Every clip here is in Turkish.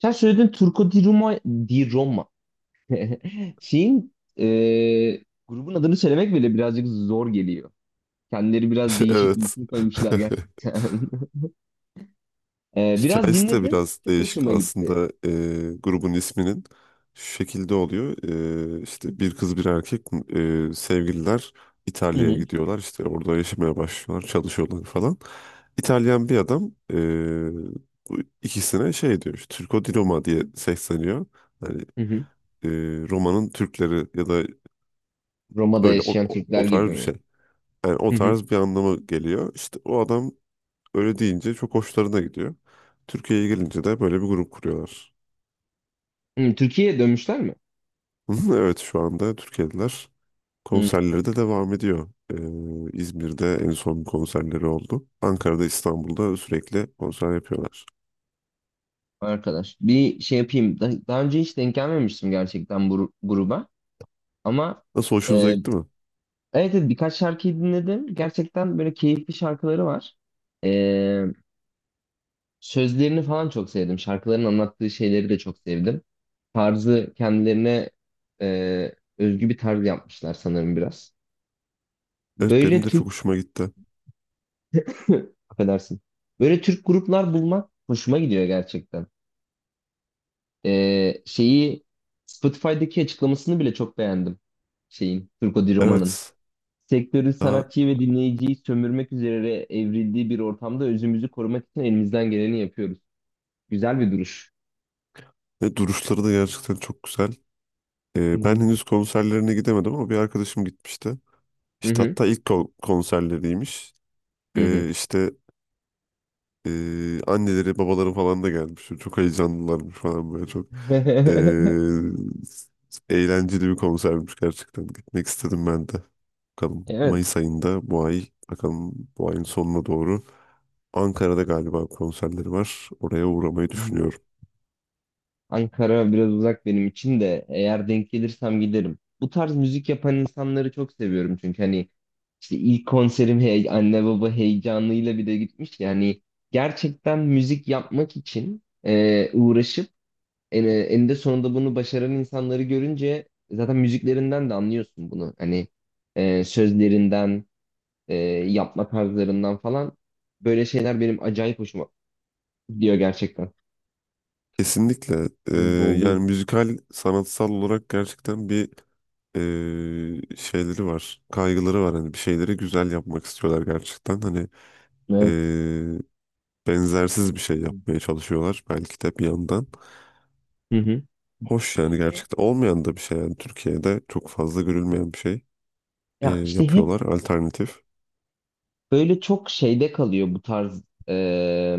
Sen söyledin Turco di Roma, di Roma. Şeyin, grubun adını söylemek bile birazcık zor geliyor. Kendileri biraz değişik bir Evet. isim koymuşlar gerçekten. Biraz Hikayesi de dinledim. biraz Çok değişik hoşuma gitti. aslında grubun isminin şu şekilde oluyor. İşte bir kız bir erkek sevgililer Hı İtalya'ya hı. gidiyorlar, işte orada yaşamaya başlıyorlar, çalışıyorlar falan. İtalyan bir adam bu ikisine şey diyor, işte Turco di Roma diye sesleniyor. Yani Hı hı. e, Roma'nın Türkleri ya da Roma'da öyle o, yaşayan o, Türkler o gibi tarz bir mi? şey. Yani o Hı hı. tarz bir anlama geliyor. İşte o adam öyle deyince çok hoşlarına gidiyor. Türkiye'ye gelince de böyle bir grup kuruyorlar. Hı, Türkiye'ye dönmüşler mi? Evet, şu anda Türkiye'liler, Hı, konserleri de devam ediyor. İzmir'de en son konserleri oldu. Ankara'da, İstanbul'da sürekli konser yapıyorlar. arkadaş. Bir şey yapayım. Daha önce hiç denk gelmemiştim gerçekten bu gruba. Ama Nasıl, hoşunuza evet, gitti mi? evet birkaç şarkıyı dinledim. Gerçekten böyle keyifli şarkıları var. E, Sözlerini falan çok sevdim. Şarkıların anlattığı şeyleri de çok sevdim. Tarzı kendilerine özgü bir tarz yapmışlar sanırım biraz. Evet, benim Böyle de çok Türk, hoşuma gitti. affedersin. Böyle Türk gruplar bulmak hoşuma gidiyor gerçekten. Şeyi Spotify'daki açıklamasını bile çok beğendim. Şeyin, Turco Di Roma'nın. Evet, Sektörün daha, sanatçıyı ve dinleyiciyi sömürmek üzere evrildiği bir ortamda özümüzü korumak için elimizden geleni yapıyoruz. Güzel bir duruş. ve duruşları da gerçekten çok güzel. Hı Ben hı. henüz konserlerine gidemedim ama bir arkadaşım gitmişti. Hı İşte hı. hatta ilk konserleriymiş. Hı Ee, işte Anneleri babaları falan da gelmiş. Çok heyecanlılarmış falan böyle çok. hı. Eğlenceli bir konsermiş gerçekten. Gitmek istedim ben de. Bakalım Evet. Mayıs ayında, bu ay bakalım, bu ayın sonuna doğru Ankara'da galiba konserleri var. Oraya uğramayı Hı. düşünüyorum. Ankara biraz uzak benim için de eğer denk gelirsem giderim. Bu tarz müzik yapan insanları çok seviyorum çünkü hani işte ilk konserim hey, anne baba heyecanıyla bir de gitmiş yani gerçekten müzik yapmak için uğraşıp eninde sonunda bunu başaran insanları görünce zaten müziklerinden de anlıyorsun bunu. Hani sözlerinden, e, yapma tarzlarından falan böyle şeyler benim acayip hoşuma gidiyor gerçekten. Kesinlikle Böyle yani oluyordu. müzikal sanatsal olarak gerçekten bir şeyleri var. Kaygıları var, hani bir şeyleri güzel yapmak istiyorlar gerçekten. Hani Evet. benzersiz bir şey yapmaya çalışıyorlar belki de bir yandan. Hı hı. Hoş yani, Böyle, gerçekten olmayan da bir şey, yani Türkiye'de çok fazla görülmeyen bir şey ya işte hep yapıyorlar, alternatif. böyle çok şeyde kalıyor bu tarz e,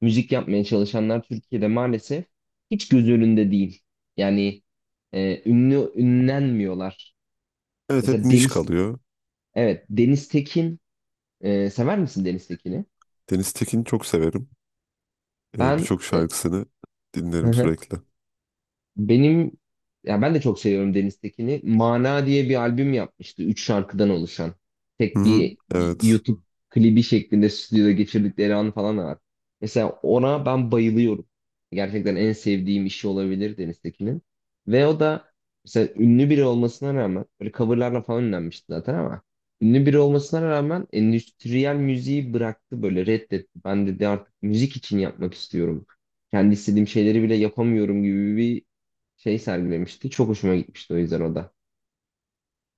müzik yapmaya çalışanlar Türkiye'de maalesef hiç göz önünde değil. Yani ünlenmiyorlar. Evet, hep Mesela niş Deniz, kalıyor. evet Deniz Tekin, sever misin Deniz Tekin'i? Deniz Tekin'i çok severim. Ben, Birçok e, şarkısını dinlerim sürekli. Benim ya ben de çok seviyorum Deniz Tekin'i. Mana diye bir albüm yapmıştı. Üç şarkıdan oluşan. Hı Tek hı, bir evet. YouTube klibi şeklinde stüdyoda geçirdikleri an falan da var. Mesela ona ben bayılıyorum. Gerçekten en sevdiğim işi olabilir Deniz Tekin'in. Ve o da mesela ünlü biri olmasına rağmen böyle coverlarla falan ünlenmişti zaten ama ünlü biri olmasına rağmen endüstriyel müziği bıraktı böyle reddetti. Ben dedi artık müzik için yapmak istiyorum kendi istediğim şeyleri bile yapamıyorum gibi şey sergilemişti. Çok hoşuma gitmişti o yüzden o da.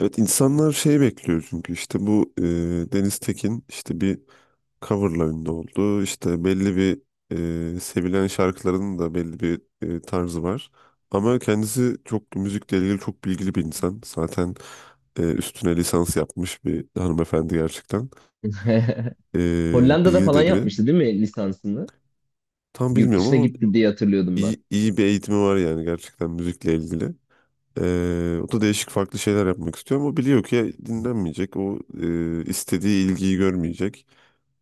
Evet, insanlar şey bekliyor çünkü işte bu Deniz Tekin işte bir coverla ünlü oldu. İşte belli bir sevilen şarkıların da belli bir tarzı var. Ama kendisi çok müzikle ilgili, çok bilgili bir insan. Zaten üstüne lisans yapmış bir hanımefendi gerçekten. Hollanda'da Bilgili falan de biri. yapmıştı değil mi lisansını? Tam Yurt bilmiyorum dışına ama gitti diye hatırlıyordum ben. İyi bir eğitimi var yani, gerçekten müzikle ilgili. O da değişik farklı şeyler yapmak istiyor ama biliyor ki dinlenmeyecek. O istediği ilgiyi görmeyecek.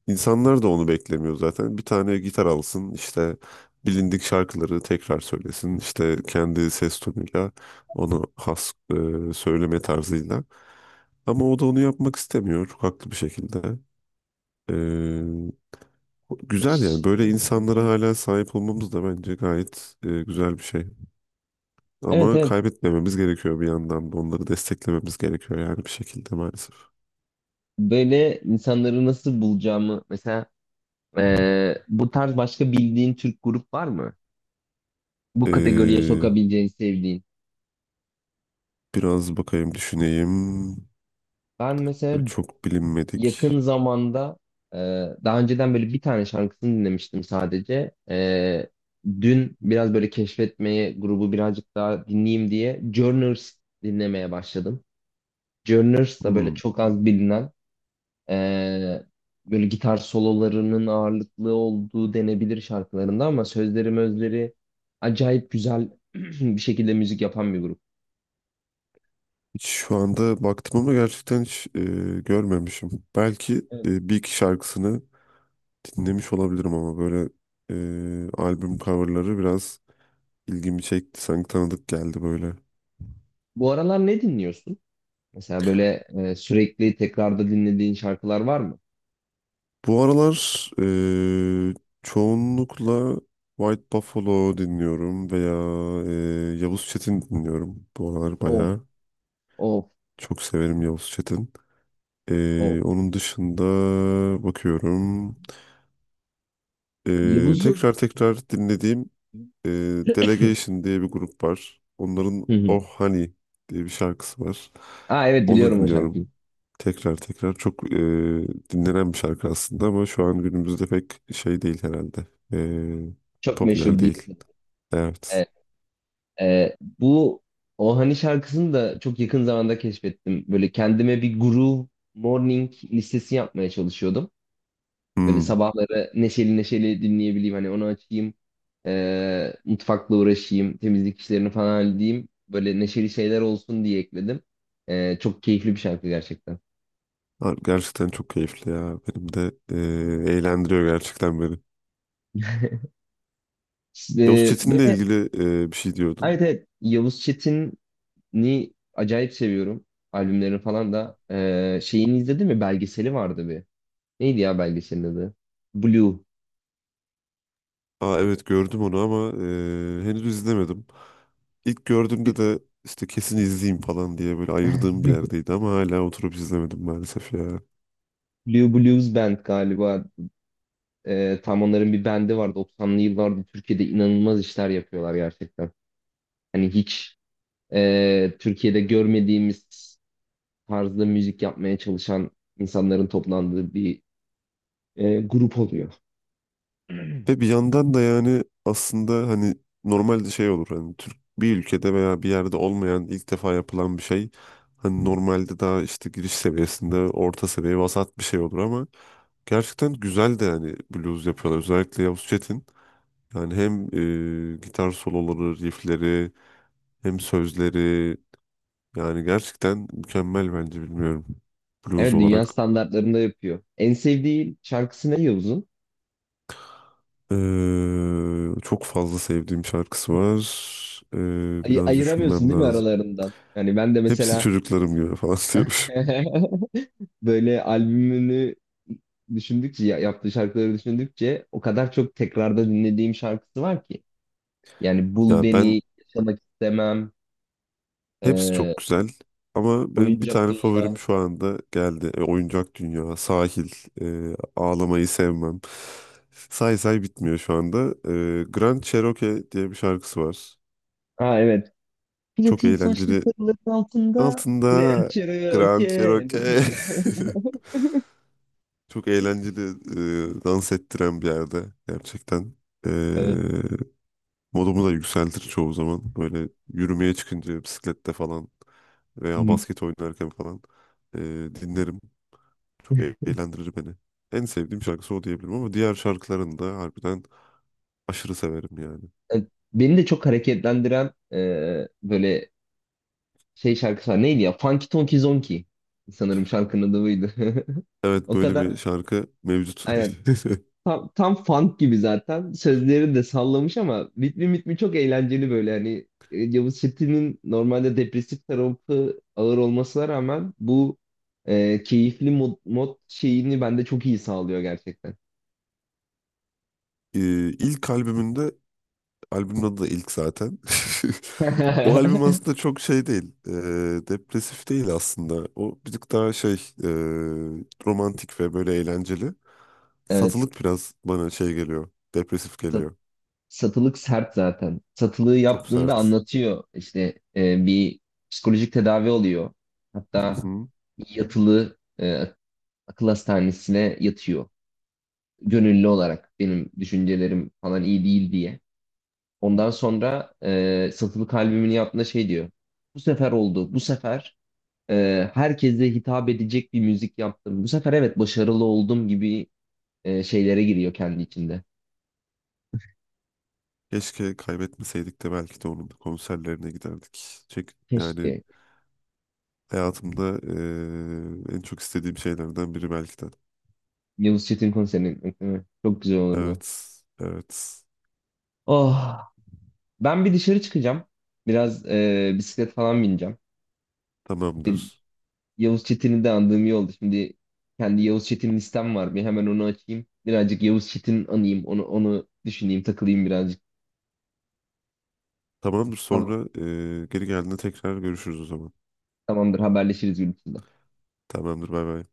İnsanlar da onu beklemiyor zaten. Bir tane gitar alsın, işte bilindik şarkıları tekrar söylesin, işte kendi ses tonuyla, onu has söyleme tarzıyla. Ama o da onu yapmak istemiyor, haklı bir şekilde. Güzel yani, böyle insanlara hala sahip olmamız da bence gayet güzel bir şey. Evet Ama evet. kaybetmememiz gerekiyor, bir yandan da onları desteklememiz gerekiyor yani bir şekilde, maalesef. Böyle insanları nasıl bulacağımı mesela bu tarz başka bildiğin Türk grup var mı? Bu kategoriye E, sokabileceğin sevdiğin. Biraz bakayım, düşüneyim. Ben mesela Çok yakın bilinmedik. zamanda e, daha önceden böyle bir tane şarkısını dinlemiştim sadece. Dün biraz böyle keşfetmeye grubu birazcık daha dinleyeyim diye Journers dinlemeye başladım. Journers da böyle Hmm. çok az bilinen e, böyle gitar sololarının ağırlıklı olduğu denebilir şarkılarında ama sözleri mözleri acayip güzel bir şekilde müzik yapan bir grup. Hiç, şu anda baktım ama gerçekten hiç görmemişim. Belki Evet. Bir iki şarkısını dinlemiş olabilirim ama böyle albüm coverları biraz ilgimi çekti. Sanki tanıdık geldi böyle. Bu aralar ne dinliyorsun? Mesela böyle sürekli tekrarda dinlediğin şarkılar var mı? Bu aralar e, çoğunlukla White Buffalo dinliyorum veya Yavuz Çetin dinliyorum. Bu aralar Of. bayağı Of. çok severim Yavuz Çetin. Of. Onun dışında bakıyorum. Yavuz'u. Tekrar tekrar dinlediğim e, Delegation diye bir grup var. Hı Onların hı. Oh Honey diye bir şarkısı var. Aa evet Onu biliyorum o şarkıyı. dinliyorum. Tekrar tekrar çok dinlenen bir şarkı aslında ama şu an günümüzde pek şey değil herhalde. Çok Popüler meşhur değil. değil. Evet. Evet. Bu o hani şarkısını da çok yakın zamanda keşfettim. Böyle kendime bir groove morning listesi yapmaya çalışıyordum. Böyle Hmm. sabahları neşeli neşeli dinleyebileyim. Hani onu açayım. Mutfakla uğraşayım. Temizlik işlerini falan halledeyim. Böyle neşeli şeyler olsun diye ekledim. Çok keyifli bir şarkı gerçekten. Ha, gerçekten çok keyifli ya. Benim de eğlendiriyor gerçekten beni. Yavuz Ee, Çetin'le böyle, ilgili bir şey diyordun. evet evet. Yavuz Çetin ni acayip seviyorum. Albümlerini falan da. Şeyini izledin mi? Belgeseli vardı bir. Neydi ya belgeselin adı? Blue. Aa, evet gördüm onu ama henüz izlemedim. İlk gördüğümde de işte kesin izleyeyim falan diye böyle ayırdığım bir yerdeydi ama hala oturup izlemedim maalesef ya. Blue Blues Band galiba. Tam onların bir bendi var. 90'lı yıllarda Türkiye'de inanılmaz işler yapıyorlar gerçekten. Hani hiç Türkiye'de görmediğimiz tarzda müzik yapmaya çalışan insanların toplandığı bir grup oluyor. Ve bir yandan da yani aslında hani normalde şey olur, hani Türk, bir ülkede veya bir yerde olmayan ilk defa yapılan bir şey hani normalde daha işte giriş seviyesinde, orta seviye, vasat bir şey olur ama gerçekten güzel de, yani blues yapıyorlar özellikle Yavuz Çetin. Yani hem gitar soloları, riffleri, hem sözleri, yani gerçekten mükemmel bence, bilmiyorum, blues Evet, olarak. dünya standartlarında yapıyor. En sevdiği şarkısı ne Yavuz'un? Çok fazla sevdiğim şarkısı var. Biraz Ayıramıyorsun düşünmem değil mi lazım. aralarından? Yani ben de Hepsi mesela çocuklarım gibi falan diyor. böyle albümünü düşündükçe yaptığı şarkıları düşündükçe o kadar çok tekrarda dinlediğim şarkısı var ki. Yani Bul Ya ben, Beni, Yaşamak İstemem, hepsi e, çok güzel ama benim bir Oyuncak tane Dünya. favorim şu anda geldi. Oyuncak Dünya, Sahil, Ağlamayı Sevmem. Say say bitmiyor şu anda. Grand Cherokee diye bir şarkısı var. Ha evet. Çok Platin saçlı eğlenceli. karıların altında Grand Altında Cherokee. Grand Cherokee. Yani. Çok eğlenceli, dans ettiren bir yerde gerçekten. E, Evet. Modumu da yükseltir çoğu zaman. Böyle yürümeye çıkınca, bisiklette falan veya Hı. basket oynarken falan e, dinlerim. Çok eğlendirir beni. En sevdiğim şarkısı o diyebilirim ama diğer şarkılarını da harbiden aşırı severim yani. E, Beni de çok hareketlendiren böyle şey şarkısı var. Neydi ya? Funky Tonky Zonky. Sanırım şarkının adı buydu. Evet, O böyle kadar. bir şarkı mevcut. Aynen. Tam funk gibi zaten. Sözleri de sallamış ama ritmi mitmi çok eğlenceli böyle. Hani Yavuz Çetin'in normalde depresif tarafı ağır olmasına rağmen bu keyifli mod şeyini bende çok iyi sağlıyor gerçekten. E, ilk albümünde, albümün adı da ilk zaten. O albüm aslında çok şey değil, depresif değil aslında. O birazcık daha şey, romantik ve böyle eğlenceli. Evet. Satılık biraz bana şey geliyor. Depresif sat- geliyor. Satılık sert zaten. Satılığı Çok yaptığında sert. anlatıyor. İşte bir psikolojik tedavi oluyor. Hı Hatta hı. yatılı akıl hastanesine yatıyor. Gönüllü olarak benim düşüncelerim falan iyi değil diye. Ondan sonra satılık albümünü yaptığında şey diyor. Bu sefer oldu. Bu sefer herkese hitap edecek bir müzik yaptım. Bu sefer evet başarılı oldum gibi şeylere giriyor kendi içinde. Keşke kaybetmeseydik de belki de onun konserlerine giderdik. Çek, yani Keşke. hayatımda en çok istediğim şeylerden biri belki de. Yavuz Çetin konserini gitmek değil mi? Çok güzel olurdu. Evet. Evet. Oh. Ben bir dışarı çıkacağım. Biraz bisiklet falan bineceğim. De- Tamamdır. Yavuz Çetin'i de andığım iyi oldu. Şimdi kendi Yavuz Çetin listem var. Bir hemen onu açayım. Birazcık Yavuz Çetin anayım. Onu düşüneyim, takılayım birazcık. Tamamdır, Tamam, sonra geri geldiğinde tekrar görüşürüz o zaman. tamamdır, haberleşiriz gün içinde. Tamamdır, bay bay.